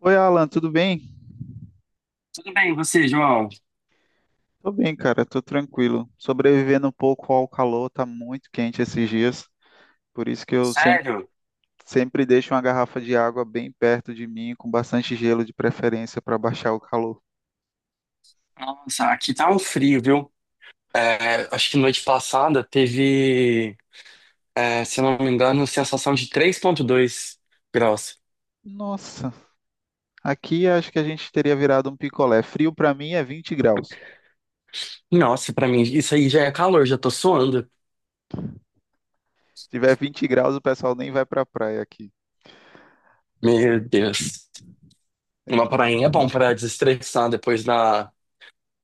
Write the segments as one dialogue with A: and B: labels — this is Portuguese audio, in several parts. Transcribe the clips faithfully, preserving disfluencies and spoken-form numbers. A: Oi, Alan, tudo bem?
B: Tudo bem, e você, João?
A: Tô bem, cara, tô tranquilo. Sobrevivendo um pouco ao calor, tá muito quente esses dias, por isso que eu sempre,
B: Sério?
A: sempre deixo uma garrafa de água bem perto de mim, com bastante gelo de preferência para baixar o calor.
B: Nossa, aqui tá um frio, viu? É, acho que noite passada teve, é, se eu não me engano, sensação de três vírgula dois graus.
A: Nossa, aqui acho que a gente teria virado um picolé. Frio pra mim é vinte graus.
B: Nossa, pra mim, isso aí já é calor, já tô suando.
A: Se tiver vinte graus, o pessoal nem vai pra praia aqui.
B: Meu Deus. Uma prainha é bom pra desestressar depois da,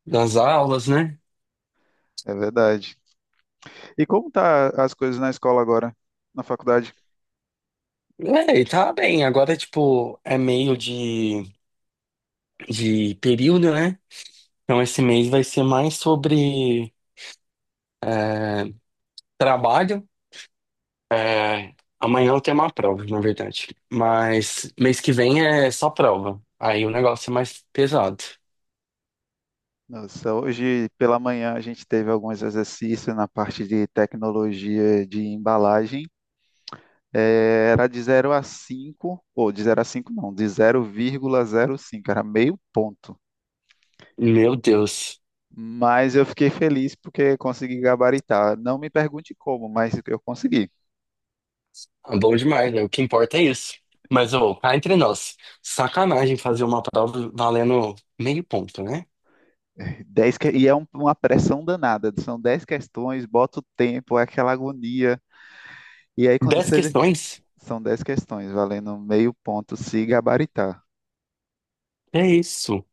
B: das aulas, né?
A: É verdade. E como tá as coisas na escola agora, na faculdade?
B: É, e tá bem. Agora, tipo, é meio de, de período, né? Então, esse mês vai ser mais sobre é, trabalho. É, amanhã eu tenho uma prova, na verdade. Mas mês que vem é só prova. Aí o negócio é mais pesado.
A: Nossa, hoje pela manhã a gente teve alguns exercícios na parte de tecnologia de embalagem. Eh, era de zero a cinco ou de zero a cinco não, de zero zero vírgula zero cinco, era meio ponto.
B: Meu Deus,
A: Mas eu fiquei feliz porque consegui gabaritar. Não me pergunte como, mas eu consegui.
B: é bom demais, né? O que importa é isso. Mas, ô, cá entre nós, sacanagem fazer uma prova valendo meio ponto, né?
A: Dez que- E é um- uma pressão danada. São dez questões, bota o tempo, é aquela agonia. E aí quando
B: Dez
A: você...
B: questões?
A: São dez questões, valendo meio ponto se gabaritar.
B: É isso.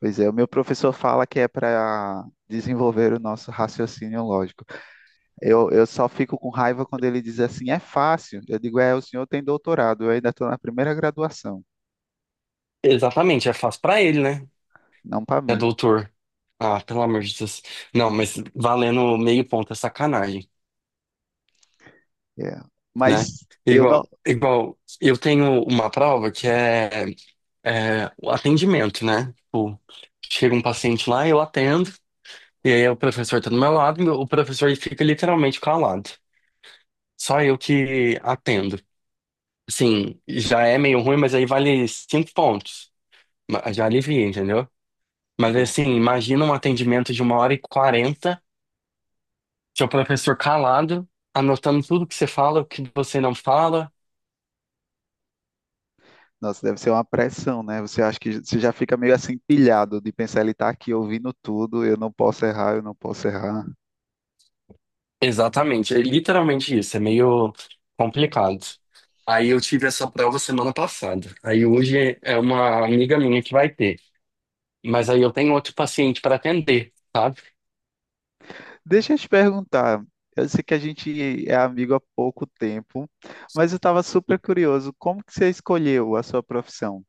A: Pois é, o meu professor fala que é para desenvolver o nosso raciocínio lógico. Eu, eu só fico com raiva quando ele diz assim, é fácil. Eu digo, é, o senhor tem doutorado, eu ainda estou na primeira graduação,
B: Exatamente, é fácil pra ele, né?
A: não para
B: É
A: mim.
B: doutor. Ah, pelo amor de Deus. Não, mas valendo meio ponto é sacanagem,
A: É.
B: né?
A: Mas eu não.
B: Igual, igual, eu tenho uma prova que é, é o atendimento, né? Tipo, chega um paciente lá, eu atendo, e aí o professor tá do meu lado, e o professor fica literalmente calado. Só eu que atendo. Assim, já é meio ruim, mas aí vale cinco pontos. Ma- Já alivia, entendeu? Mas
A: Pô,
B: assim, imagina um atendimento de uma hora e quarenta, seu professor calado, anotando tudo que você fala, o que você não fala.
A: nossa, deve ser uma pressão, né? Você acha que você já fica meio assim pilhado de pensar, ele está aqui ouvindo tudo, eu não posso errar, eu não posso errar.
B: Exatamente, é literalmente isso, é meio complicado. Aí eu tive essa prova semana passada. Aí hoje é uma amiga minha que vai ter, mas aí eu tenho outro paciente para atender, sabe?
A: Deixa eu te perguntar. Eu sei que a gente é amigo há pouco tempo, mas eu estava super curioso. Como que você escolheu a sua profissão?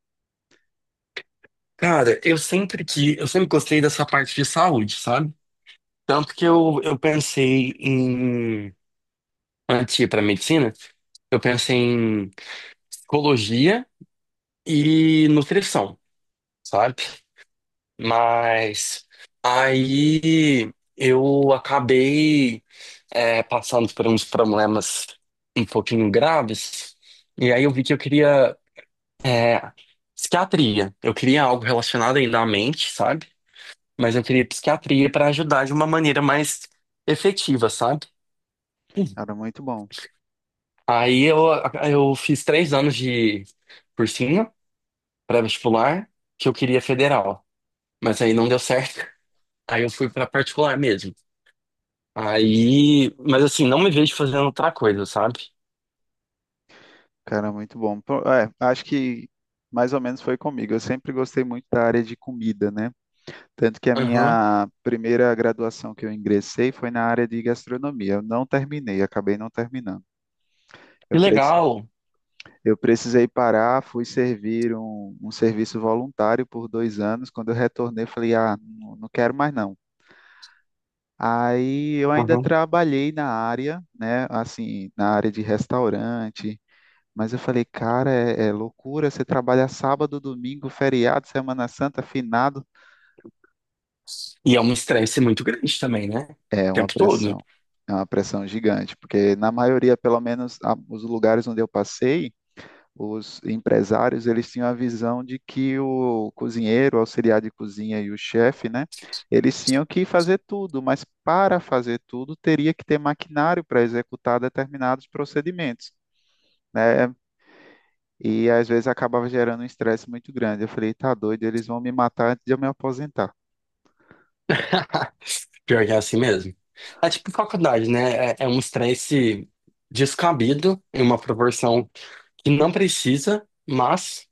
B: Cara, eu sempre que eu sempre gostei dessa parte de saúde, sabe? Tanto que eu, eu pensei em antes de ir para medicina, eu pensei em psicologia e nutrição, sabe? Mas aí eu acabei é, passando por uns problemas um pouquinho graves. E aí eu vi que eu queria é, psiquiatria. Eu queria algo relacionado ainda à mente, sabe? Mas eu queria psiquiatria para ajudar de uma maneira mais efetiva, sabe?
A: Cara, muito bom.
B: Aí eu, eu fiz três anos de cursinho pré-vestibular que eu queria federal, mas aí não deu certo. Aí eu fui para particular mesmo. Aí, mas assim, não me vejo fazendo outra coisa, sabe?
A: Cara, muito bom. Pô, É, acho que mais ou menos foi comigo. Eu sempre gostei muito da área de comida, né? Tanto que a
B: Aham.
A: minha primeira graduação que eu ingressei foi na área de gastronomia. Eu não terminei, acabei não terminando. Eu
B: Que
A: pre-
B: legal.
A: Eu precisei parar, fui servir um, um serviço voluntário por dois anos. Quando eu retornei, eu falei, ah, não, não quero mais não. Aí eu ainda trabalhei na área, né, assim, na área de restaurante, mas eu falei, cara, é, é loucura, você trabalha sábado, domingo, feriado, Semana Santa, finado.
B: E é um estresse muito grande também, né?
A: É
B: O
A: uma
B: tempo todo.
A: pressão, é uma pressão gigante, porque na maioria, pelo menos a- os lugares onde eu passei, os empresários eles tinham a visão de que o cozinheiro, o auxiliar de cozinha e o chefe, né, eles tinham que fazer tudo, mas para fazer tudo teria que ter maquinário para executar determinados procedimentos, né? E às vezes acabava gerando um estresse muito grande. Eu falei, tá doido, eles vão me matar antes de eu me aposentar.
B: Pior que é assim mesmo. É tipo faculdade, né? É, é um estresse descabido em uma proporção que não precisa, mas,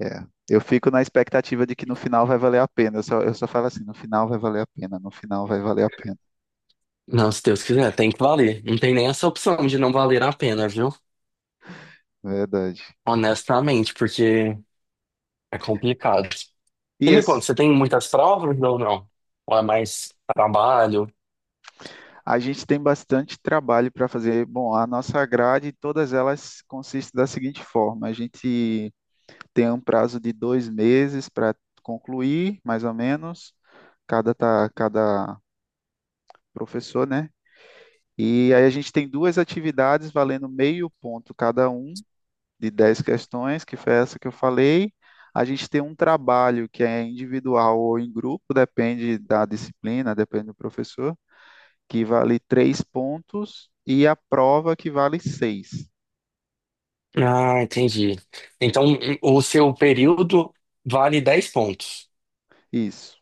A: É. Eu fico na expectativa de que no final vai valer a pena. Eu só, eu só falo assim, no final vai valer a pena, no final vai valer a pena.
B: não, se Deus quiser, tem que valer. Não tem nem essa opção de não valer a pena, viu?
A: Verdade.
B: Honestamente, porque é complicado.
A: E
B: E me conta,
A: esse,
B: você tem muitas provas ou não? Ou é mais trabalho?
A: a gente tem bastante trabalho para fazer. Bom, a nossa grade, todas elas consistem da seguinte forma: a gente tem um prazo de dois meses para concluir, mais ou menos, cada, tá, cada professor, né? E aí a gente tem duas atividades valendo meio ponto cada um de dez questões, que foi essa que eu falei. A gente tem um trabalho que é individual ou em grupo, depende da disciplina, depende do professor, que vale três pontos e a prova que vale seis.
B: Ah, entendi. Então, o seu período vale dez pontos.
A: Isso,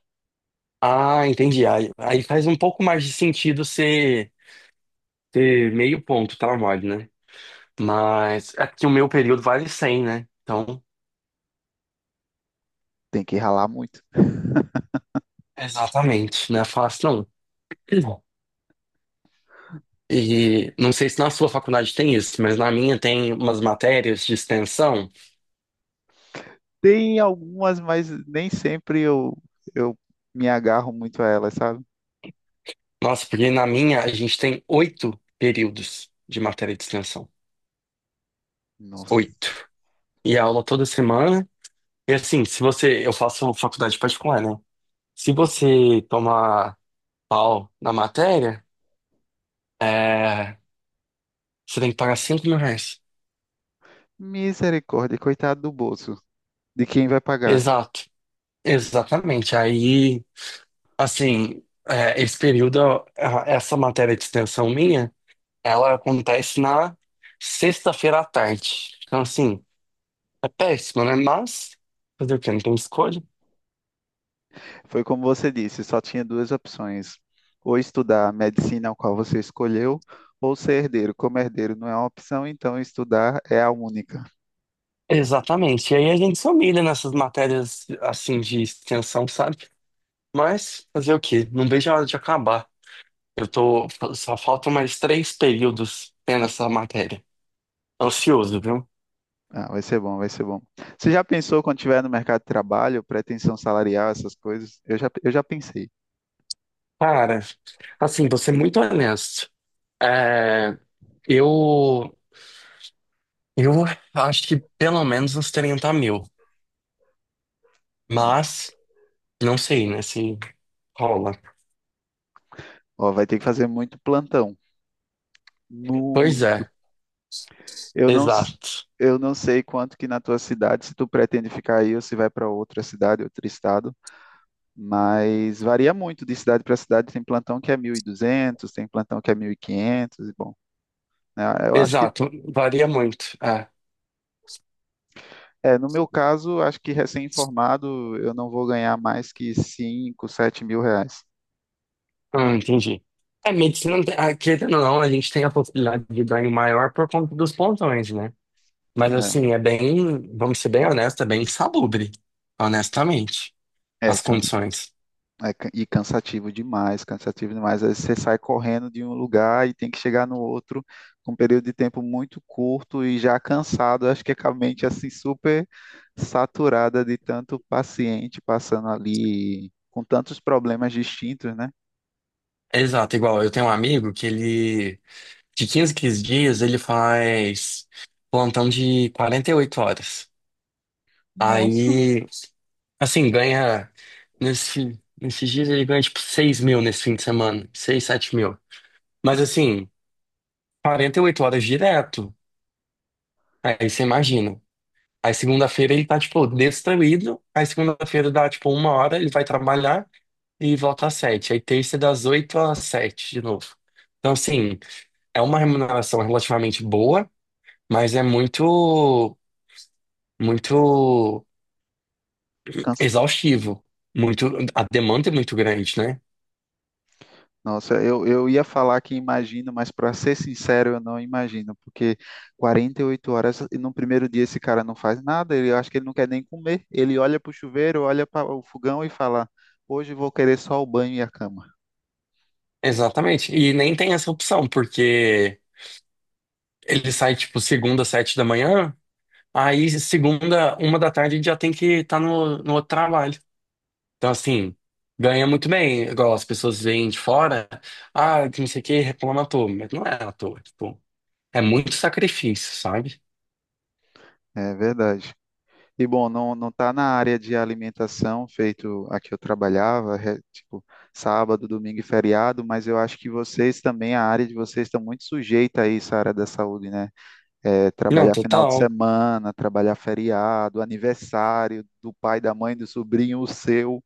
B: Ah, entendi. Aí, aí faz um pouco mais de sentido ser ter meio ponto tá mole, né? Mas é que o meu período vale cem, né? Então,
A: tem que ralar muito.
B: exatamente, não é fácil não. E não sei se na sua faculdade tem isso, mas na minha tem umas matérias de extensão.
A: Tem algumas, mas nem sempre eu, eu, me agarro muito a elas, sabe?
B: Nossa, porque na minha a gente tem oito períodos de matéria de extensão.
A: Nossa,
B: Oito. E a aula toda semana. E assim, se você. Eu faço faculdade particular, né? Se você tomar pau na matéria. É, você tem que pagar cinco mil reais.
A: misericórdia, coitado do bolso, de quem vai pagar.
B: Exato. Exatamente. Aí, assim, é, esse período, a- essa matéria de extensão minha, ela acontece na sexta-feira à tarde. Então, assim, é péssimo, né? Mas, fazer o quê? Não tem escolha.
A: Foi como você disse, só tinha duas opções: ou estudar a medicina ao qual você escolheu, ou ser herdeiro. Como herdeiro não é uma opção, então estudar é a única.
B: Exatamente. E aí a gente se humilha nessas matérias, assim, de extensão, sabe? Mas, fazer o quê? Não vejo a hora de acabar. Eu tô, só faltam mais três períodos tendo essa matéria. Ansioso, viu?
A: Ah, vai ser bom, vai ser bom. Você já pensou quando estiver no mercado de trabalho, pretensão salarial, essas coisas? Eu já, eu já pensei.
B: Cara, assim, vou ser muito honesto. É, eu, eu acho que pelo menos uns 30 mil. Mas, não sei, né, se rola.
A: Ó, vai ter que fazer muito plantão.
B: Pois
A: Muito.
B: é,
A: Eu não, s-
B: exato.
A: eu não sei quanto que na tua cidade, se tu pretende ficar aí ou se vai para outra cidade, outro estado. Mas varia muito de cidade para cidade. Tem plantão que é mil e duzentos, tem plantão que é mil e quinhentos e bom, né, eu acho que,
B: Exato, varia muito. É.
A: é, no meu caso, acho que recém-formado eu não vou ganhar mais que cinco, sete mil reais.
B: Hum, entendi. É, medicina, não tem- ah, querendo ou não, a gente tem a possibilidade de ganho maior por conta dos plantões, né? Mas, assim, é bem, vamos ser bem honestos, é bem insalubre, honestamente,
A: É, é,
B: as
A: cansa.
B: condições.
A: É, ca- e cansativo demais, cansativo demais. Às vezes você sai correndo de um lugar e tem que chegar no outro com um período de tempo muito curto e já cansado. Acho que é com a mente assim super saturada de tanto paciente passando ali com tantos problemas distintos, né?
B: Exato, igual eu tenho um amigo que ele, de quinze em dias, ele faz plantão de quarenta e oito horas.
A: Nossa,
B: Aí, assim, ganha, nesse, nesses dias ele ganha tipo seis mil nesse fim de semana, seis sete mil. Mas assim, quarenta e oito horas direto, aí você imagina. Aí segunda-feira ele tá, tipo, destruído, aí segunda-feira dá, tipo, uma hora, ele vai trabalhar e volta às sete. Aí terça das oito às sete de novo. Então, assim, é uma remuneração relativamente boa, mas é muito, muito exaustivo. Muito, a demanda é muito grande, né?
A: Nossa, eu, eu ia falar que imagino, mas para ser sincero, eu não imagino, porque quarenta e oito horas e no primeiro dia esse cara não faz nada, ele eu acho que ele não quer nem comer. Ele olha para o chuveiro, olha para o fogão e fala: Hoje vou querer só o banho e a cama.
B: Exatamente. E nem tem essa opção, porque ele sai, tipo, segunda, sete da manhã, aí segunda, uma da tarde, já tem que estar no, no outro trabalho. Então, assim, ganha muito bem. Igual as pessoas veem de fora, ah, que não sei o que, reclama à toa. Mas não é à toa, tipo. É muito sacrifício, sabe?
A: É verdade. E bom, não, não tá na área de alimentação, feito a que eu trabalhava, re- tipo, sábado, domingo e feriado, mas eu acho que vocês também, a área de vocês está muito sujeita a isso, a área da saúde, né? É,
B: Não,
A: trabalhar final de
B: total.
A: semana, trabalhar feriado, aniversário do pai, da mãe, do sobrinho, o seu.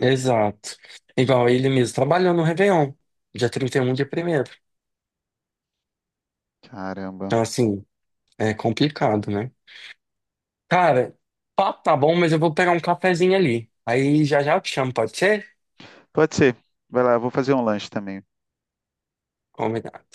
B: Exato. Igual ele mesmo trabalhou no Réveillon, dia trinta e um, dia primeiro.
A: Caramba.
B: Então, assim, é complicado, né? Cara, papo tá bom, mas eu vou pegar um cafezinho ali. Aí já já eu te chamo, pode ser?
A: Pode ser. Vai lá, eu vou fazer um lanche também.
B: Combinado.